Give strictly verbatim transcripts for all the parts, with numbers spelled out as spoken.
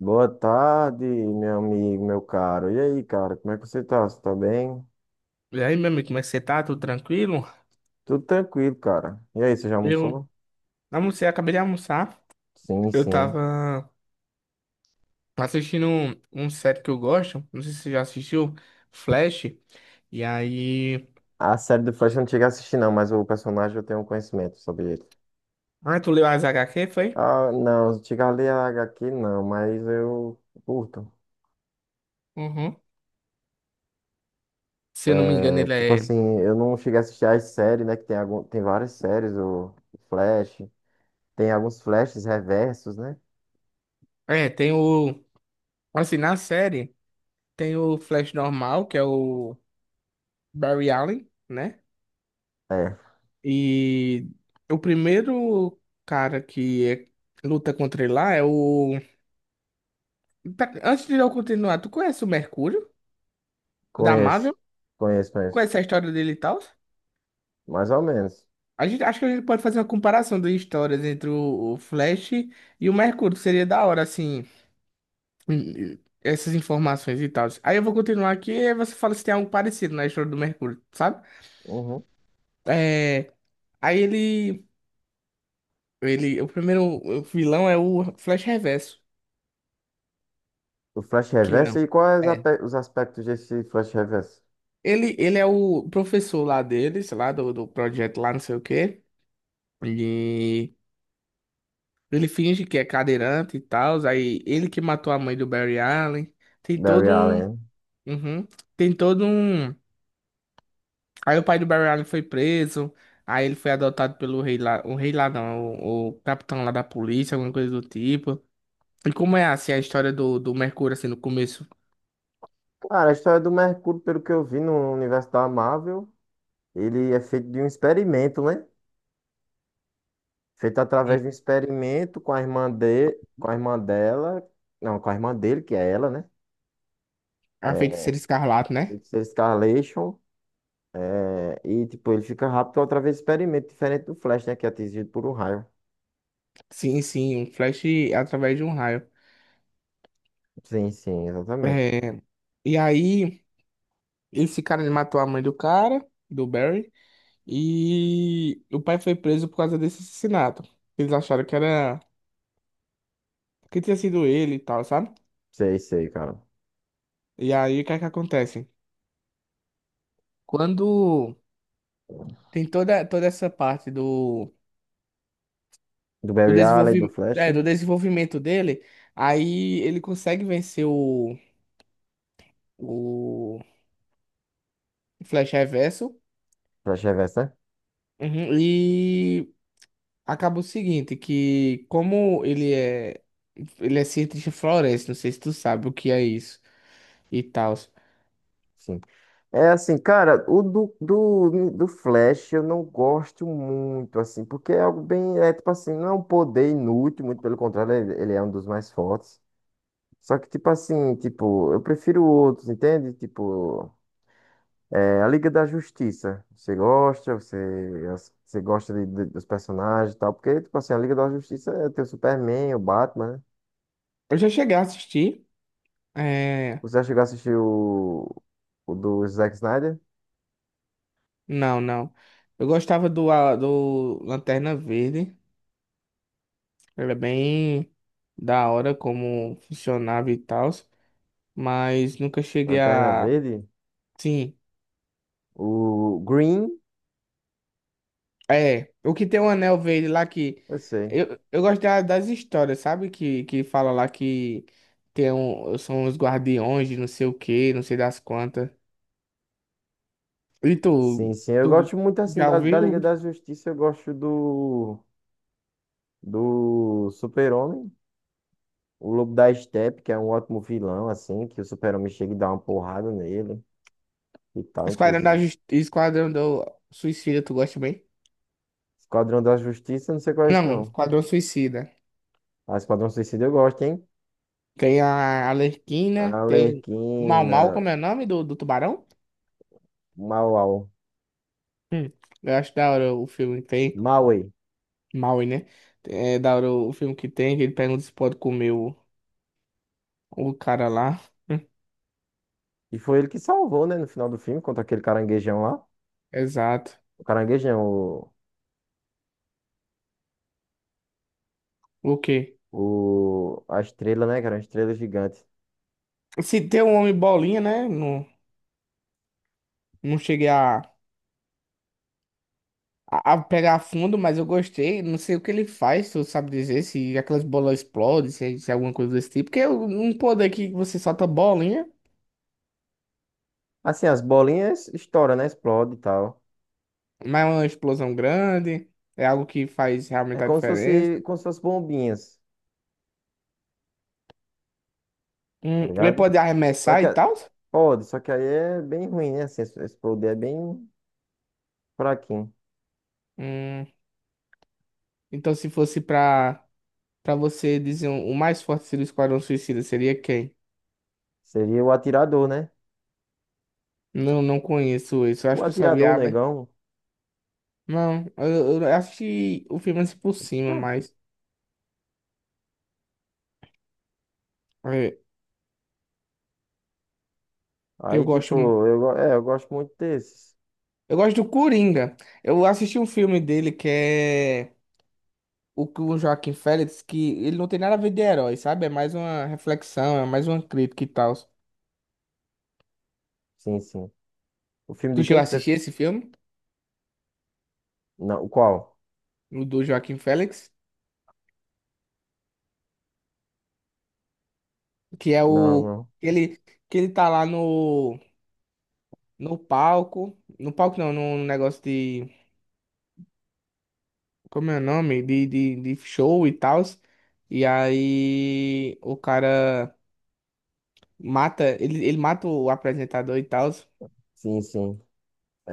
Boa tarde, meu amigo, meu caro. E aí, cara, como é que você tá? Você tá bem? E aí, meu amigo, como é que você tá? Tudo tranquilo? Tudo tranquilo, cara. E aí, você já Eu almoçou? almocei, acabei de almoçar. Sim, Eu sim. tava assistindo um, um série que eu gosto. Não sei se você já assistiu, Flash. E aí. A série do Flash eu não cheguei a assistir, não, mas o personagem eu tenho conhecimento sobre ele. Ah, tu leu as H HQ, foi? Ah, não, cheguei a ler a agá quê, não, mas eu curto. Uhum. Se eu não me engano, É, ele tipo é. assim, eu não cheguei a assistir as séries, né? Que tem, algum, tem várias séries, o Flash. Tem alguns Flashes reversos, né? É, tem o. Assim, na série, tem o Flash normal, que é o Barry Allen, né? É, E o primeiro cara que é- luta contra ele lá é o. Tá, antes de eu continuar, tu conhece o Mercúrio? O da conheço. Marvel? Conheço, Qual conheço. é essa história dele e tal? Mais ou menos. A gente, acho que a gente pode fazer uma comparação de histórias entre o, o Flash e o Mercúrio. Seria da hora, assim, hum, hum, essas informações e tal. Aí eu vou continuar aqui e você fala se tem algo parecido na história do Mercúrio, sabe? Uhum. É, aí ele, ele. O primeiro vilão é o Flash Reverso. O Flash Que Reverso é. e quais É. ape- os aspectos desse Flash Reverso? Ele, ele é o professor lá dele, sei lá, do, do projeto lá, não sei o quê. E ele finge que é cadeirante e tal, aí ele que matou a mãe do Barry Allen. Tem Barry todo um. Allen. Uhum. Tem todo um. Aí o pai do Barry Allen foi preso, aí ele foi adotado pelo rei lá. O rei lá não, o, o capitão lá da polícia, alguma coisa do tipo. E como é assim a história do, do Mercúrio, assim, no começo? Cara, a história do Mercúrio, pelo que eu vi no universo da Marvel, ele é feito de um experimento, né? Feito Hum. através de um experimento com a irmã de, com a irmã dela, não, com a irmã dele, que é ela, né? A feiticeira escarlate, né? Feito ser Scarlation, é, e tipo, ele fica rápido através do experimento, diferente do Flash, né? Que é atingido por um raio. Sim, sim, um flash através de um raio. Sim, sim, exatamente. É, e aí, esse cara ele matou a mãe do cara, do Barry. E o pai foi preso por causa desse assassinato. Eles acharam que era que tinha sido ele e tal, sabe? Sei, sei, cara. E aí o que é que acontece? Quando tem toda, toda essa parte do, Do do, Barry Allen, do desenvolvi... Flash. é, do desenvolvimento dele, aí ele consegue vencer o, o Flash Reverso. Flash Reverso, né? Uhum. E acaba o seguinte, que como ele é ele é cientista floresta, não sei se tu sabe o que é isso e tal. Sim. É assim, cara, o do, do, do Flash eu não gosto muito, assim, porque é algo bem, é tipo assim, não é um poder inútil, muito pelo contrário, ele, ele é um dos mais fortes. Só que, tipo assim, tipo, eu prefiro outros, entende? Tipo, é a Liga da Justiça. Você gosta, você, as- você gosta de- de- dos personagens e tal, porque, tipo assim, a Liga da Justiça é, tem o Superman, o Batman, né? Eu já cheguei a assistir. É, Você já chegou a assistir o, o do Zack Snyder, não, não. Eu gostava do, a- do Lanterna Verde. Era bem da hora como funcionava e tal. Mas nunca cheguei Lanterna a. Verde, Sim. o Green. É. O que tem um anel verde lá que. Eu sei. Eu, eu gosto da- das histórias, sabe? Que, que fala lá que tem um, são os guardiões de não sei o que, não sei das quantas. E Sim, tu, sim. Eu tu gosto muito assim já da, da Liga ouviu? da Justiça. Eu gosto do, do Super-Homem, o Lobo da Estepe, que é um ótimo vilão, assim, que o Super-Homem chega e dá uma porrada nele e tal, Esquadrão da inclusive. Justi- Esquadrão do Suicida, tu gosta bem? Esquadrão da Justiça, não sei qual é esse, Não, não. Esquadrão Suicida. Ah, Esquadrão Suicida eu gosto, hein? Tem a Arlequina, tem o Mau Arlequina, Mau, como é o nome do, do tubarão? Mauau, Hum, eu acho da hora o filme que tem. Maui. Maui, né? É da hora o filme que tem, que ele pergunta se pode comer o, o cara lá. Hum, E foi ele que salvou, né, no final do filme, contra aquele caranguejão lá. exato. O caranguejão, o, O quê? o, a estrela, né, que era uma estrela gigante. Se tem um homem bolinha, né? Não, não cheguei a, a, a pegar a fundo, mas eu gostei. Não sei o que ele faz, tu sabe dizer, se aquelas bolas explodem, se, se é alguma coisa desse tipo. Porque é um poder que você solta bolinha. Assim, as bolinhas estouram, né? Explode e tal. Mas é uma explosão grande, é algo que faz É realmente a como se fosse, diferença. como se fosse bombinhas, tá Hum, ele ligado? pode Só arremessar que e a- tal? pode, só que aí é bem ruim, né? Assim, esse esse poder é bem fraquinho. Hum, então, se fosse pra, pra você dizer um- o mais forte do Esquadrão Suicida, seria quem? Seria o atirador, né? Não, não conheço isso. Eu O acho que eu só vi atirador, o a... le- negão. Não, eu, eu assisti o filme assim por cima, Tá. mas é, eu Aí, tipo, gosto... eu, go- é, eu gosto muito desses. Eu gosto do Coringa. Eu assisti um filme dele que é o que o Joaquim Félix, que ele não tem nada a ver de herói, sabe? É mais uma reflexão, é mais uma crítica e tal. Sim, sim. O filme Tu de chegou quem a que você. assistir f- esse filme? Não, o qual? O do Joaquim Félix? Que é Não, o. não. Ele, que ele tá lá no. No palco. No palco não, num negócio de. Como é o nome? De, de, de show e tal. E aí. O cara mata. Ele, ele mata o apresentador e tal. Sim, sim.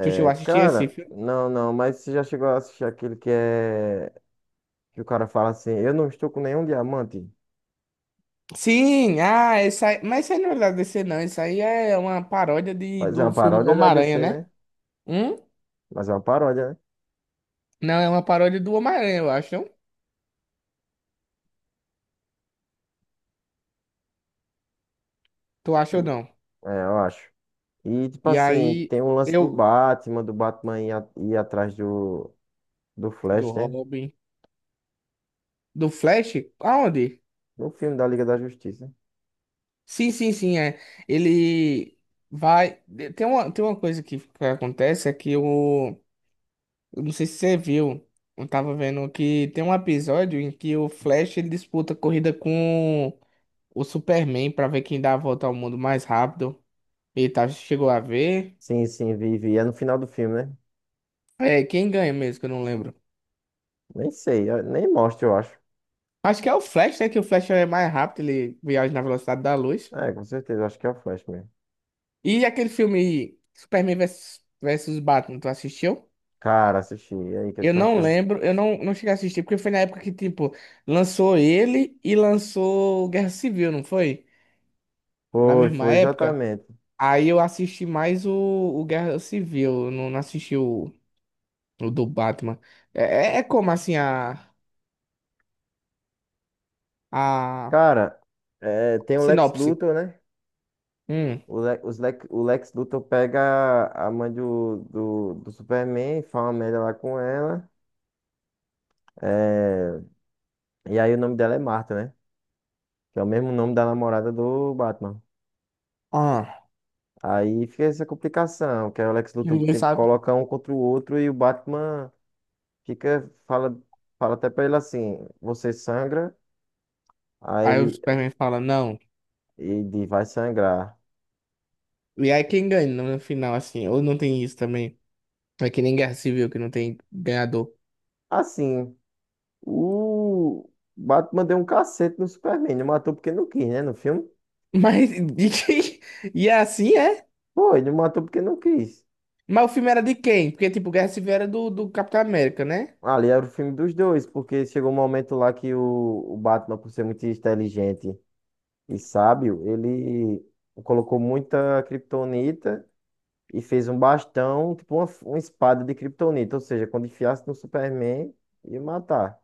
Tu chegou a assistir esse cara, filme? não, não, mas você já chegou a assistir aquele que é. Que o cara fala assim: eu não estou com nenhum diamante. Sim! Ah, esse aí, mas isso aí não é da D C, não. Isso aí é uma paródia de, Mas é uma do filme paródia da Homem-Aranha, D C, né? né? Hum? Mas é uma paródia, né? Não, é uma paródia do Homem-Aranha, eu acho. Não? Tu acha ou Hum, não? é, eu acho. E, tipo E assim, aí tem o lance do eu. Batman, do Batman ir, a- ir atrás do, do Do Flash, né? Robin. Do Flash? Aonde? No filme da Liga da Justiça. Sim, sim, sim, é. Ele vai. Tem uma, tem uma coisa que, que acontece é que o. Eu não sei se você viu. Eu tava vendo que tem um episódio em que o Flash ele disputa corrida com o Superman pra ver quem dá a volta ao mundo mais rápido. E tá, chegou a ver. Sim, sim, vi, vi. É no final do filme, né? É, quem ganha mesmo, que eu não lembro. Nem sei, eu- nem mostra, eu acho. Acho que é o Flash, né? Que o Flash é mais rápido, ele viaja na velocidade da luz. É, com certeza, eu acho que é o Flash mesmo. E aquele filme Superman versus, versus Batman, tu assistiu? Cara, assisti. E aí, o que, é que Eu tu não achou? lembro, eu não, não cheguei a assistir, porque foi na época que, tipo, lançou ele e lançou Guerra Civil, não foi? Na Foi, mesma foi, época. exatamente. Aí eu assisti mais o, o Guerra Civil, eu não, não assisti o, o do Batman. É, é- é como, assim, a, a Cara, é, tem o Lex sinopse. Luthor, né? Hum, O, Le, os Lex, o Lex Luthor pega a mãe do, do, do Superman, e fala uma merda lá com ela. É, e aí o nome dela é Marta, né? Que é o mesmo nome da namorada do Batman. ah, Aí fica essa complicação, que aí o Lex que Luthor ninguém tenta sabe. colocar um contra o outro e o Batman fica, fala, fala até pra ele assim, você sangra, aí Aí o ele, Superman fala, não. ele vai sangrar. E aí quem ganha no final, assim, ou não tem isso também? É que nem Guerra Civil, que não tem ganhador. Assim, o Batman deu um cacete no Superman, não matou porque não quis, né, no filme. Mas de quem? E é assim é? Pô, ele matou porque não quis. Mas o filme era de quem? Porque, tipo, Guerra Civil era do, do Capitão América, né? Ali era o filme dos dois, porque chegou um momento lá que o, o Batman, por ser muito inteligente e sábio, ele colocou muita kryptonita e fez um bastão, tipo uma, uma espada de kryptonita. Ou seja, quando enfiasse no Superman, ia matar.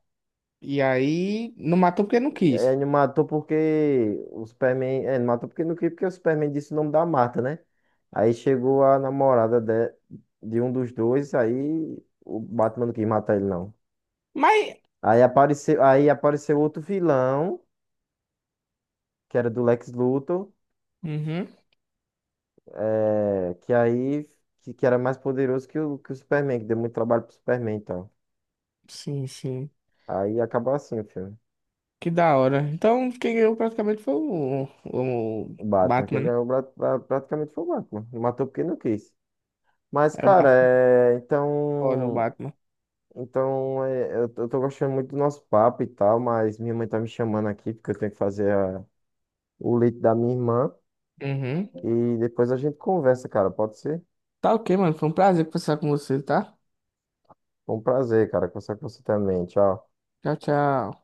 E aí não matou porque não E aí quis. ele matou porque o Superman. É, ele matou porque não queria, porque o Superman disse o nome da mata, né? Aí chegou a namorada de, de um dos dois, aí o Batman não quis matar ele, não. Mas. Aí apareceu, aí apareceu outro vilão, que era do Lex Luthor, Uhum. eh, que aí que, que era mais poderoso que o, que o Superman, que deu muito trabalho pro Superman, então. Sim, sim. Aí acabou assim o filme. Que da hora. Então, quem ganhou praticamente foi o, o O Batman, Batman, quem né? ganhou pra- pra- praticamente foi o Batman. Matou porque não quis. Mas, É o cara, Batman. é, Foda, o então. Batman. Então, é, eu, tô eu tô gostando muito do nosso papo e tal, mas minha mãe tá me chamando aqui porque eu tenho que fazer a- o leite da minha irmã. Uhum. E depois a gente conversa, cara. Pode ser? Tá ok, mano. Foi um prazer conversar com você, tá? Foi um prazer, cara, conversar com você também. Tchau. Tchau, tchau.